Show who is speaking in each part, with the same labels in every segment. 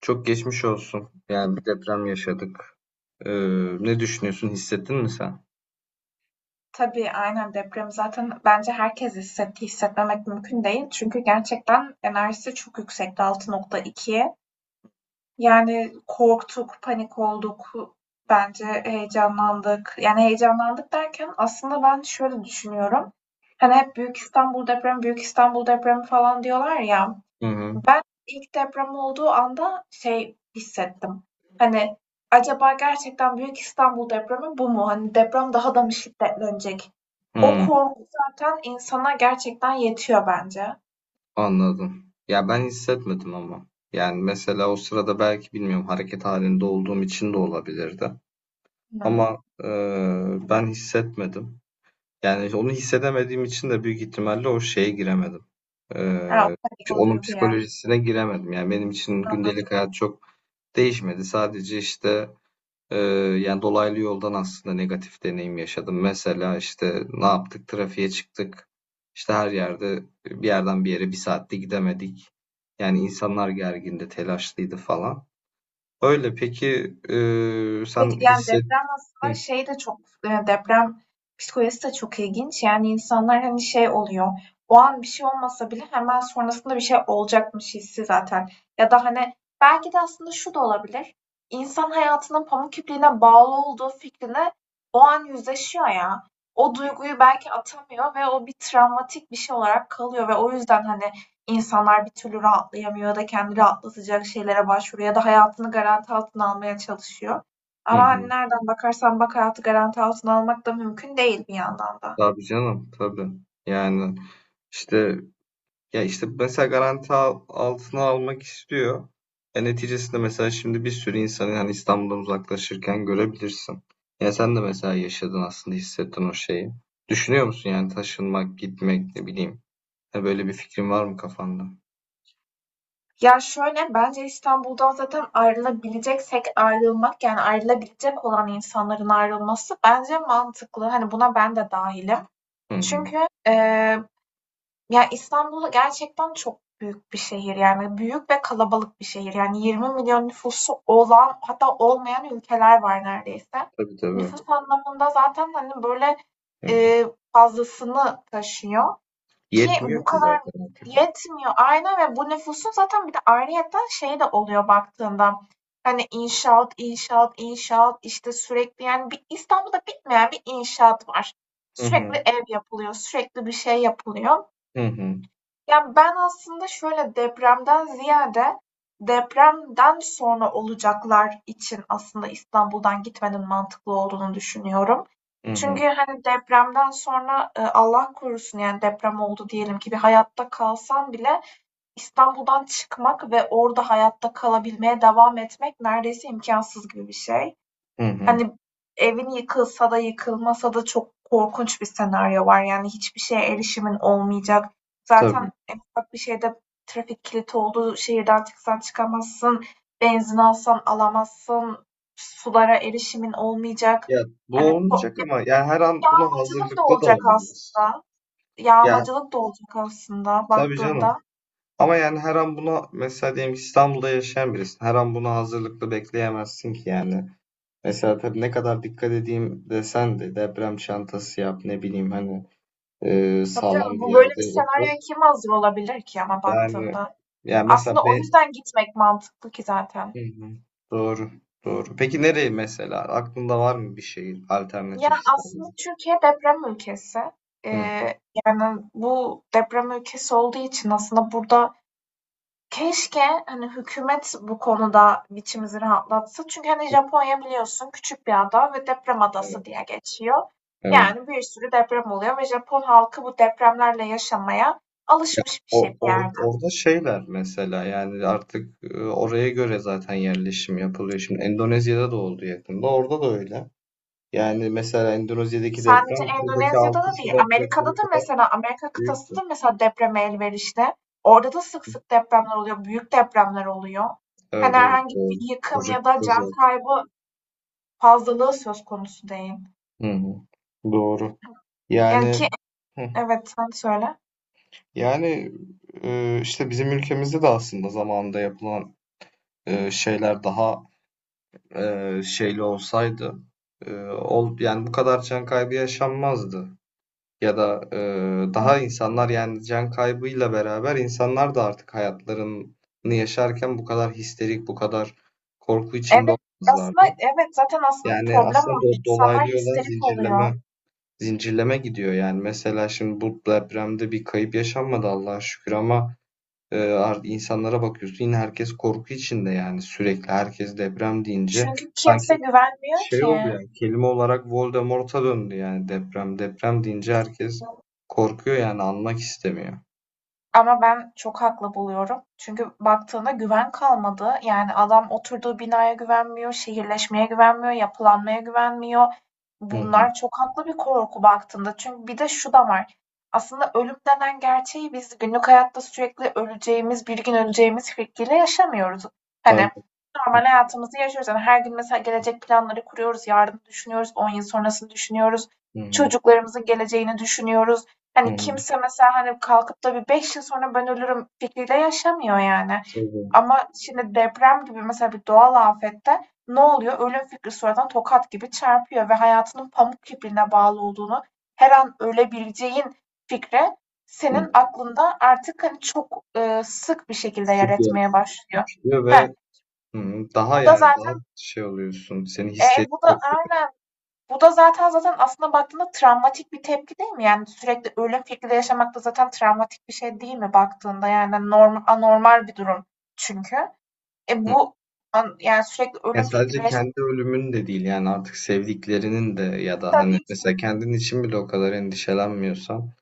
Speaker 1: Çok geçmiş olsun. Yani bir deprem yaşadık. Ee, Ne düşünüyorsun? Hissettin mi sen?
Speaker 2: Tabii, aynen. Deprem zaten bence herkes hissetti. Hissetmemek mümkün değil. Çünkü gerçekten enerjisi çok yüksekti 6,2. Yani korktuk, panik olduk. Bence heyecanlandık. Yani heyecanlandık derken aslında ben şöyle düşünüyorum. Hani hep Büyük İstanbul depremi, Büyük İstanbul depremi falan diyorlar ya.
Speaker 1: Hı hı.
Speaker 2: Ben ilk deprem olduğu anda şey hissettim. Hani acaba gerçekten Büyük İstanbul depremi bu mu? Hani deprem daha da mı şiddetlenecek? O
Speaker 1: Hı,
Speaker 2: korku zaten insana gerçekten yetiyor bence.
Speaker 1: anladım. Ya ben hissetmedim ama. Yani mesela o sırada belki bilmiyorum hareket halinde olduğum için de olabilirdi.
Speaker 2: Hı.
Speaker 1: Ama ben hissetmedim. Yani onu hissedemediğim için de büyük ihtimalle o şeye giremedim.
Speaker 2: Ha, o
Speaker 1: Ee,
Speaker 2: panik, o
Speaker 1: Onun
Speaker 2: duygu ya.
Speaker 1: psikolojisine giremedim. Yani benim için gündelik hayat çok değişmedi. Sadece işte Ee, yani dolaylı yoldan aslında negatif deneyim yaşadım. Mesela işte ne yaptık? Trafiğe çıktık. İşte her yerde bir yerden bir yere bir saatte gidemedik. Yani insanlar gergindi, telaşlıydı falan. Öyle peki
Speaker 2: Peki
Speaker 1: sen
Speaker 2: yani
Speaker 1: hisset...
Speaker 2: deprem
Speaker 1: Hı,
Speaker 2: aslında şey de çok deprem psikolojisi de çok ilginç. Yani insanlar hani şey oluyor. O an bir şey olmasa bile hemen sonrasında bir şey olacakmış hissi zaten. Ya da hani belki de aslında şu da olabilir. İnsan hayatının pamuk ipliğine bağlı olduğu fikrine o an yüzleşiyor ya. O duyguyu belki atamıyor ve o bir travmatik bir şey olarak kalıyor ve o yüzden hani insanlar bir türlü rahatlayamıyor ya da kendi rahatlatacak şeylere başvuruyor ya da hayatını garanti altına almaya çalışıyor.
Speaker 1: hı,
Speaker 2: Ama hani
Speaker 1: hı.
Speaker 2: nereden bakarsan bak hayatı garanti altına almak da mümkün değil bir yandan da.
Speaker 1: Tabii canım, tabii. Yani işte ya işte mesela garanti altına almak istiyor. Neticesinde mesela şimdi bir sürü insanı hani İstanbul'dan uzaklaşırken görebilirsin. Ya sen de mesela yaşadın, aslında hissettin o şeyi. Düşünüyor musun yani taşınmak, gitmek ne bileyim. Ha, böyle bir fikrin var mı kafanda?
Speaker 2: Ya şöyle bence İstanbul'dan zaten ayrılabileceksek ayrılmak yani ayrılabilecek olan insanların ayrılması bence mantıklı. Hani buna ben de dahilim.
Speaker 1: Hı hı.
Speaker 2: Çünkü e, ya, İstanbul gerçekten çok büyük bir şehir, yani büyük ve kalabalık bir şehir. Yani 20 milyon nüfusu olan hatta olmayan ülkeler var neredeyse.
Speaker 1: Tabii tabii.
Speaker 2: Nüfus anlamında zaten, hani, böyle,
Speaker 1: Hı hı.
Speaker 2: eee, fazlasını taşıyor ki bu
Speaker 1: Yetmiyor ki
Speaker 2: kadar
Speaker 1: zaten.
Speaker 2: yetmiyor. Aynen. Ve bu nüfusun zaten bir de ayrıyeten şey de oluyor baktığında, hani, inşaat, inşaat, inşaat, işte, sürekli, yani, bir İstanbul'da bitmeyen bir inşaat var.
Speaker 1: Hı
Speaker 2: Sürekli
Speaker 1: hı.
Speaker 2: ev yapılıyor, sürekli bir şey yapılıyor.
Speaker 1: Hı hı.
Speaker 2: Ya, ben aslında şöyle, depremden ziyade depremden sonra olacaklar için aslında İstanbul'dan gitmenin mantıklı olduğunu düşünüyorum.
Speaker 1: Hı hı.
Speaker 2: Çünkü, hani, depremden sonra, Allah korusun, yani, deprem oldu diyelim ki bir hayatta kalsan bile İstanbul'dan çıkmak ve orada hayatta kalabilmeye devam etmek neredeyse imkansız gibi bir şey.
Speaker 1: Hı hı.
Speaker 2: Hani, evin yıkılsa da yıkılmasa da çok korkunç bir senaryo var. Yani, hiçbir şeye erişimin olmayacak.
Speaker 1: Tabii.
Speaker 2: Zaten en ufak bir şeyde trafik kilidi oldu, şehirden çıksan çıkamazsın, benzin alsan alamazsın, sulara erişimin olmayacak.
Speaker 1: Ya bu
Speaker 2: Hani, o
Speaker 1: olmayacak ama ya her an buna
Speaker 2: yağmacılık da
Speaker 1: hazırlıklı da
Speaker 2: olacak
Speaker 1: olamaz.
Speaker 2: aslında.
Speaker 1: Ya
Speaker 2: Yağmacılık da olacak aslında
Speaker 1: tabii canım.
Speaker 2: baktığında.
Speaker 1: Ama yani her an buna mesela diyelim ki İstanbul'da yaşayan birisin. Her an buna hazırlıklı bekleyemezsin ki yani. Mesela tabii ne kadar dikkat edeyim desen de deprem çantası yap ne bileyim hani
Speaker 2: Tabii canım,
Speaker 1: sağlam bir
Speaker 2: bu böyle
Speaker 1: yerde
Speaker 2: bir
Speaker 1: otur.
Speaker 2: senaryoya kim hazır olabilir ki ama
Speaker 1: Yani
Speaker 2: baktığında?
Speaker 1: yani
Speaker 2: Aslında
Speaker 1: mesela
Speaker 2: o
Speaker 1: be
Speaker 2: yüzden gitmek mantıklı ki
Speaker 1: Hı
Speaker 2: zaten.
Speaker 1: hı. Doğru. Doğru. Peki nereye mesela? Aklında var mı bir şehir
Speaker 2: Ya,
Speaker 1: alternatif İstanbul
Speaker 2: aslında
Speaker 1: için?
Speaker 2: Türkiye deprem ülkesi.
Speaker 1: Hı,
Speaker 2: Eee, Yani bu deprem ülkesi olduğu için aslında burada keşke hani hükümet bu konuda biçimizi rahatlatsa. Çünkü hani Japonya biliyorsun küçük bir ada ve deprem adası
Speaker 1: evet.
Speaker 2: diye geçiyor.
Speaker 1: Evet.
Speaker 2: Yani bir sürü deprem oluyor ve Japon halkı bu depremlerle yaşamaya
Speaker 1: Ya,
Speaker 2: alışmış bir şey
Speaker 1: o
Speaker 2: bir yerde.
Speaker 1: orada şeyler mesela yani artık oraya göre zaten yerleşim yapılıyor. Şimdi Endonezya'da da oldu yakında. Orada da öyle. Yani mesela Endonezya'daki
Speaker 2: Sadece
Speaker 1: deprem buradaki
Speaker 2: Endonezya'da
Speaker 1: 6
Speaker 2: da değil,
Speaker 1: Şubat
Speaker 2: Amerika'da
Speaker 1: depremi
Speaker 2: da
Speaker 1: kadar
Speaker 2: mesela Amerika kıtası
Speaker 1: büyüktü.
Speaker 2: da mesela depreme elverişli. Orada da sık sık depremler oluyor, büyük depremler oluyor. Hani
Speaker 1: Evet evet
Speaker 2: herhangi
Speaker 1: doğru.
Speaker 2: bir yıkım
Speaker 1: Koca
Speaker 2: ya da
Speaker 1: kıta
Speaker 2: can
Speaker 1: zaten.
Speaker 2: kaybı fazlalığı söz konusu değil.
Speaker 1: Hı hı. Doğru.
Speaker 2: Yani ki
Speaker 1: Yani hı.
Speaker 2: evet, sen söyle.
Speaker 1: Yani işte bizim ülkemizde de aslında zamanında yapılan şeyler daha şeyli olsaydı yani bu kadar can kaybı yaşanmazdı. Ya da daha insanlar yani can kaybıyla beraber insanlar da artık hayatlarını yaşarken bu kadar histerik, bu kadar korku içinde
Speaker 2: Evet, aslında
Speaker 1: olmazlardı.
Speaker 2: evet zaten aslında
Speaker 1: Yani
Speaker 2: problem
Speaker 1: aslında
Speaker 2: orada. İnsanlar
Speaker 1: dolaylı yoldan
Speaker 2: histerik
Speaker 1: zincirleme
Speaker 2: oluyor.
Speaker 1: zincirleme gidiyor yani. Mesela şimdi bu depremde bir kayıp yaşanmadı Allah'a şükür ama insanlara bakıyorsun, yine herkes korku içinde yani. Sürekli herkes deprem deyince
Speaker 2: Çünkü
Speaker 1: sanki
Speaker 2: kimse güvenmiyor
Speaker 1: şey oldu
Speaker 2: ki.
Speaker 1: yani, kelime olarak Voldemort'a döndü yani deprem. Deprem deyince herkes korkuyor yani, anmak istemiyor.
Speaker 2: Ama ben çok haklı buluyorum. Çünkü baktığında güven kalmadı. Yani adam oturduğu binaya güvenmiyor, şehirleşmeye güvenmiyor, yapılanmaya güvenmiyor.
Speaker 1: Hı hı.
Speaker 2: Bunlar çok haklı bir korku baktığında. Çünkü bir de şu da var. Aslında ölüm denen gerçeği biz günlük hayatta sürekli öleceğimiz, bir gün öleceğimiz fikriyle yaşamıyoruz. Hani
Speaker 1: Tabii. Hı
Speaker 2: normal hayatımızı yaşıyoruz. Yani her gün mesela gelecek planları kuruyoruz, yarını düşünüyoruz, 10 yıl sonrasını düşünüyoruz,
Speaker 1: hı.
Speaker 2: çocuklarımızın geleceğini düşünüyoruz.
Speaker 1: Hı
Speaker 2: Hani
Speaker 1: hı.
Speaker 2: kimse mesela hani kalkıp da bir 5 yıl sonra ben ölürüm fikriyle yaşamıyor yani.
Speaker 1: Tabii.
Speaker 2: Ama şimdi deprem gibi mesela bir doğal afette ne oluyor? Ölüm fikri sonradan tokat gibi çarpıyor ve hayatının pamuk ipliğine bağlı olduğunu, her an ölebileceğin fikri
Speaker 1: Hı.
Speaker 2: senin aklında artık hani çok sık bir şekilde yer
Speaker 1: Sık
Speaker 2: etmeye başlıyor.
Speaker 1: yaşıyor
Speaker 2: He,
Speaker 1: ve hı hı, daha
Speaker 2: Bu da
Speaker 1: yani daha
Speaker 2: zaten
Speaker 1: şey oluyorsun. Seni
Speaker 2: e,
Speaker 1: hisset
Speaker 2: bu da
Speaker 1: yapıyor.
Speaker 2: aynen bu da zaten aslında baktığında travmatik bir tepki değil mi? Yani sürekli ölüm fikriyle yaşamak da zaten travmatik bir şey değil mi baktığında? Yani normal anormal bir durum çünkü. E
Speaker 1: Hı.
Speaker 2: bu Yani sürekli
Speaker 1: Yani
Speaker 2: ölüm fikriyle
Speaker 1: sadece
Speaker 2: yaşamak
Speaker 1: kendi ölümün de değil yani, artık sevdiklerinin de, ya da hani
Speaker 2: tabii ki
Speaker 1: mesela kendin için bile o kadar endişelenmiyorsan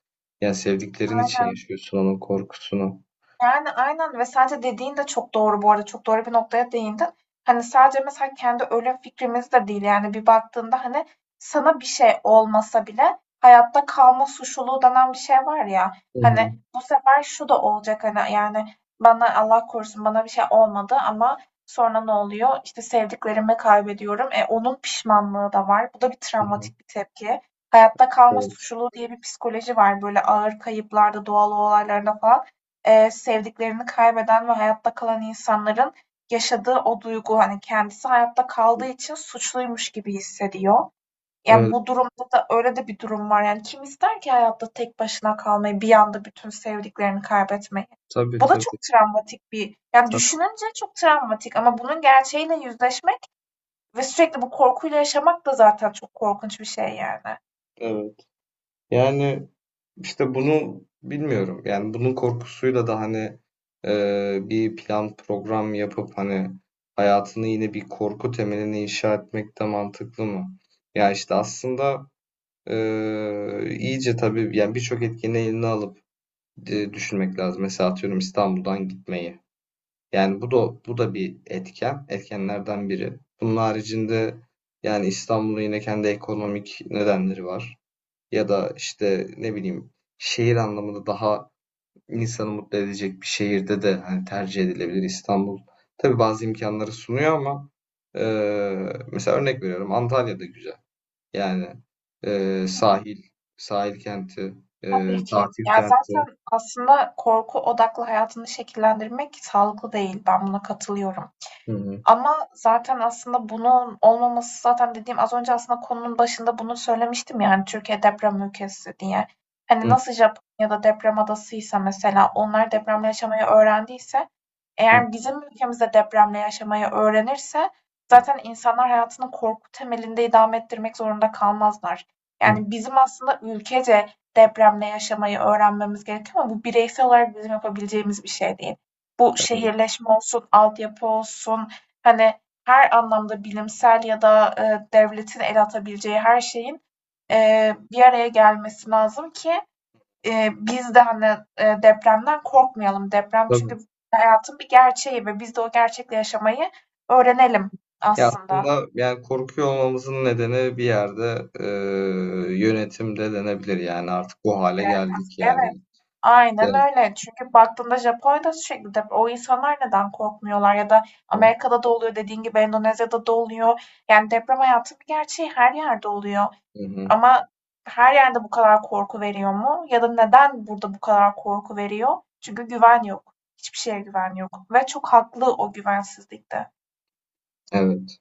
Speaker 1: yani sevdiklerin için
Speaker 2: aynen.
Speaker 1: yaşıyorsun onun korkusunu.
Speaker 2: Yani, aynen ve sadece dediğin de çok doğru bu arada. Çok doğru bir noktaya değindin. Hani, sadece mesela kendi ölüm fikrimiz de değil, yani, bir baktığında, hani, sana bir şey olmasa bile hayatta kalma suçluluğu denen bir şey var ya,
Speaker 1: Hı
Speaker 2: hani,
Speaker 1: hı.
Speaker 2: bu sefer şu da olacak, hani, yani, bana Allah korusun bana bir şey olmadı ama sonra ne oluyor? İşte, sevdiklerimi kaybediyorum. Onun pişmanlığı da var. Bu da bir
Speaker 1: Hı hı.
Speaker 2: travmatik bir tepki. Hayatta kalma
Speaker 1: Evet.
Speaker 2: suçluluğu diye bir psikoloji var, böyle, ağır kayıplarda, doğal olaylarda falan. Sevdiklerini kaybeden ve hayatta kalan insanların yaşadığı o duygu, hani, kendisi hayatta
Speaker 1: Hı.
Speaker 2: kaldığı için suçluymuş gibi hissediyor. Yani,
Speaker 1: Evet.
Speaker 2: bu durumda da öyle de bir durum var. Yani, kim ister ki hayatta tek başına kalmayı, bir anda bütün sevdiklerini kaybetmeyi?
Speaker 1: Tabii
Speaker 2: Bu da
Speaker 1: tabii.
Speaker 2: çok travmatik bir. Yani, düşününce çok travmatik ama bunun gerçeğiyle yüzleşmek ve sürekli bu korkuyla yaşamak da zaten çok korkunç bir şey yani.
Speaker 1: Evet. Yani işte bunu bilmiyorum. Yani bunun korkusuyla da hani bir plan program yapıp hani hayatını yine bir korku temeline inşa etmek de mantıklı mı? Ya işte aslında e, iyice tabii yani birçok etkeni eline alıp düşünmek lazım. Mesela atıyorum İstanbul'dan gitmeyi. Yani bu da bir etken, etkenlerden biri. Bunun haricinde yani İstanbul'un yine kendi ekonomik nedenleri var, ya da işte ne bileyim şehir anlamında daha insanı mutlu edecek bir şehirde de hani tercih edilebilir İstanbul. Tabii bazı imkanları sunuyor ama e, mesela örnek veriyorum Antalya'da güzel. Yani sahil, kenti,
Speaker 2: Tabii ki.
Speaker 1: tatil
Speaker 2: Ya,
Speaker 1: kenti.
Speaker 2: zaten aslında korku odaklı hayatını şekillendirmek sağlıklı değil. Ben buna katılıyorum.
Speaker 1: Hı hı.
Speaker 2: Ama zaten aslında bunun olmaması zaten dediğim az önce aslında konunun başında bunu söylemiştim yani Türkiye deprem ülkesi diye. Hani,
Speaker 1: Hı
Speaker 2: nasıl Japonya'da deprem adasıysa mesela onlar depremle yaşamayı öğrendiyse
Speaker 1: hı.
Speaker 2: eğer bizim ülkemizde depremle yaşamayı öğrenirse
Speaker 1: Hı,
Speaker 2: zaten insanlar hayatını korku temelinde idame ettirmek zorunda kalmazlar. Yani, bizim aslında ülkece depremle yaşamayı öğrenmemiz gerekiyor ama bu bireysel olarak bizim yapabileceğimiz bir şey değil. Bu
Speaker 1: evet,
Speaker 2: şehirleşme olsun, altyapı olsun, hani, her anlamda bilimsel ya da devletin el atabileceği her şeyin bir araya gelmesi lazım ki biz de, hani, depremden korkmayalım. Deprem
Speaker 1: tabii.
Speaker 2: çünkü hayatın bir gerçeği ve biz de o gerçekle yaşamayı öğrenelim
Speaker 1: Ya
Speaker 2: aslında.
Speaker 1: aslında yani korkuyor olmamızın nedeni bir yerde yönetimde denebilir yani, artık bu hale
Speaker 2: Eee,
Speaker 1: geldik
Speaker 2: evet,
Speaker 1: yani.
Speaker 2: aynen
Speaker 1: Evet.
Speaker 2: öyle. Çünkü baktığında Japonya'da sürekli deprem. O insanlar neden korkmuyorlar ya da
Speaker 1: Hı
Speaker 2: Amerika'da da oluyor, dediğin gibi Endonezya'da da oluyor. Yani deprem hayatın bir gerçeği, her yerde oluyor.
Speaker 1: hı.
Speaker 2: Ama her yerde bu kadar korku veriyor mu? Ya da neden burada bu kadar korku veriyor? Çünkü güven yok. Hiçbir şeye güven yok ve çok haklı o güvensizlikte.
Speaker 1: Evet.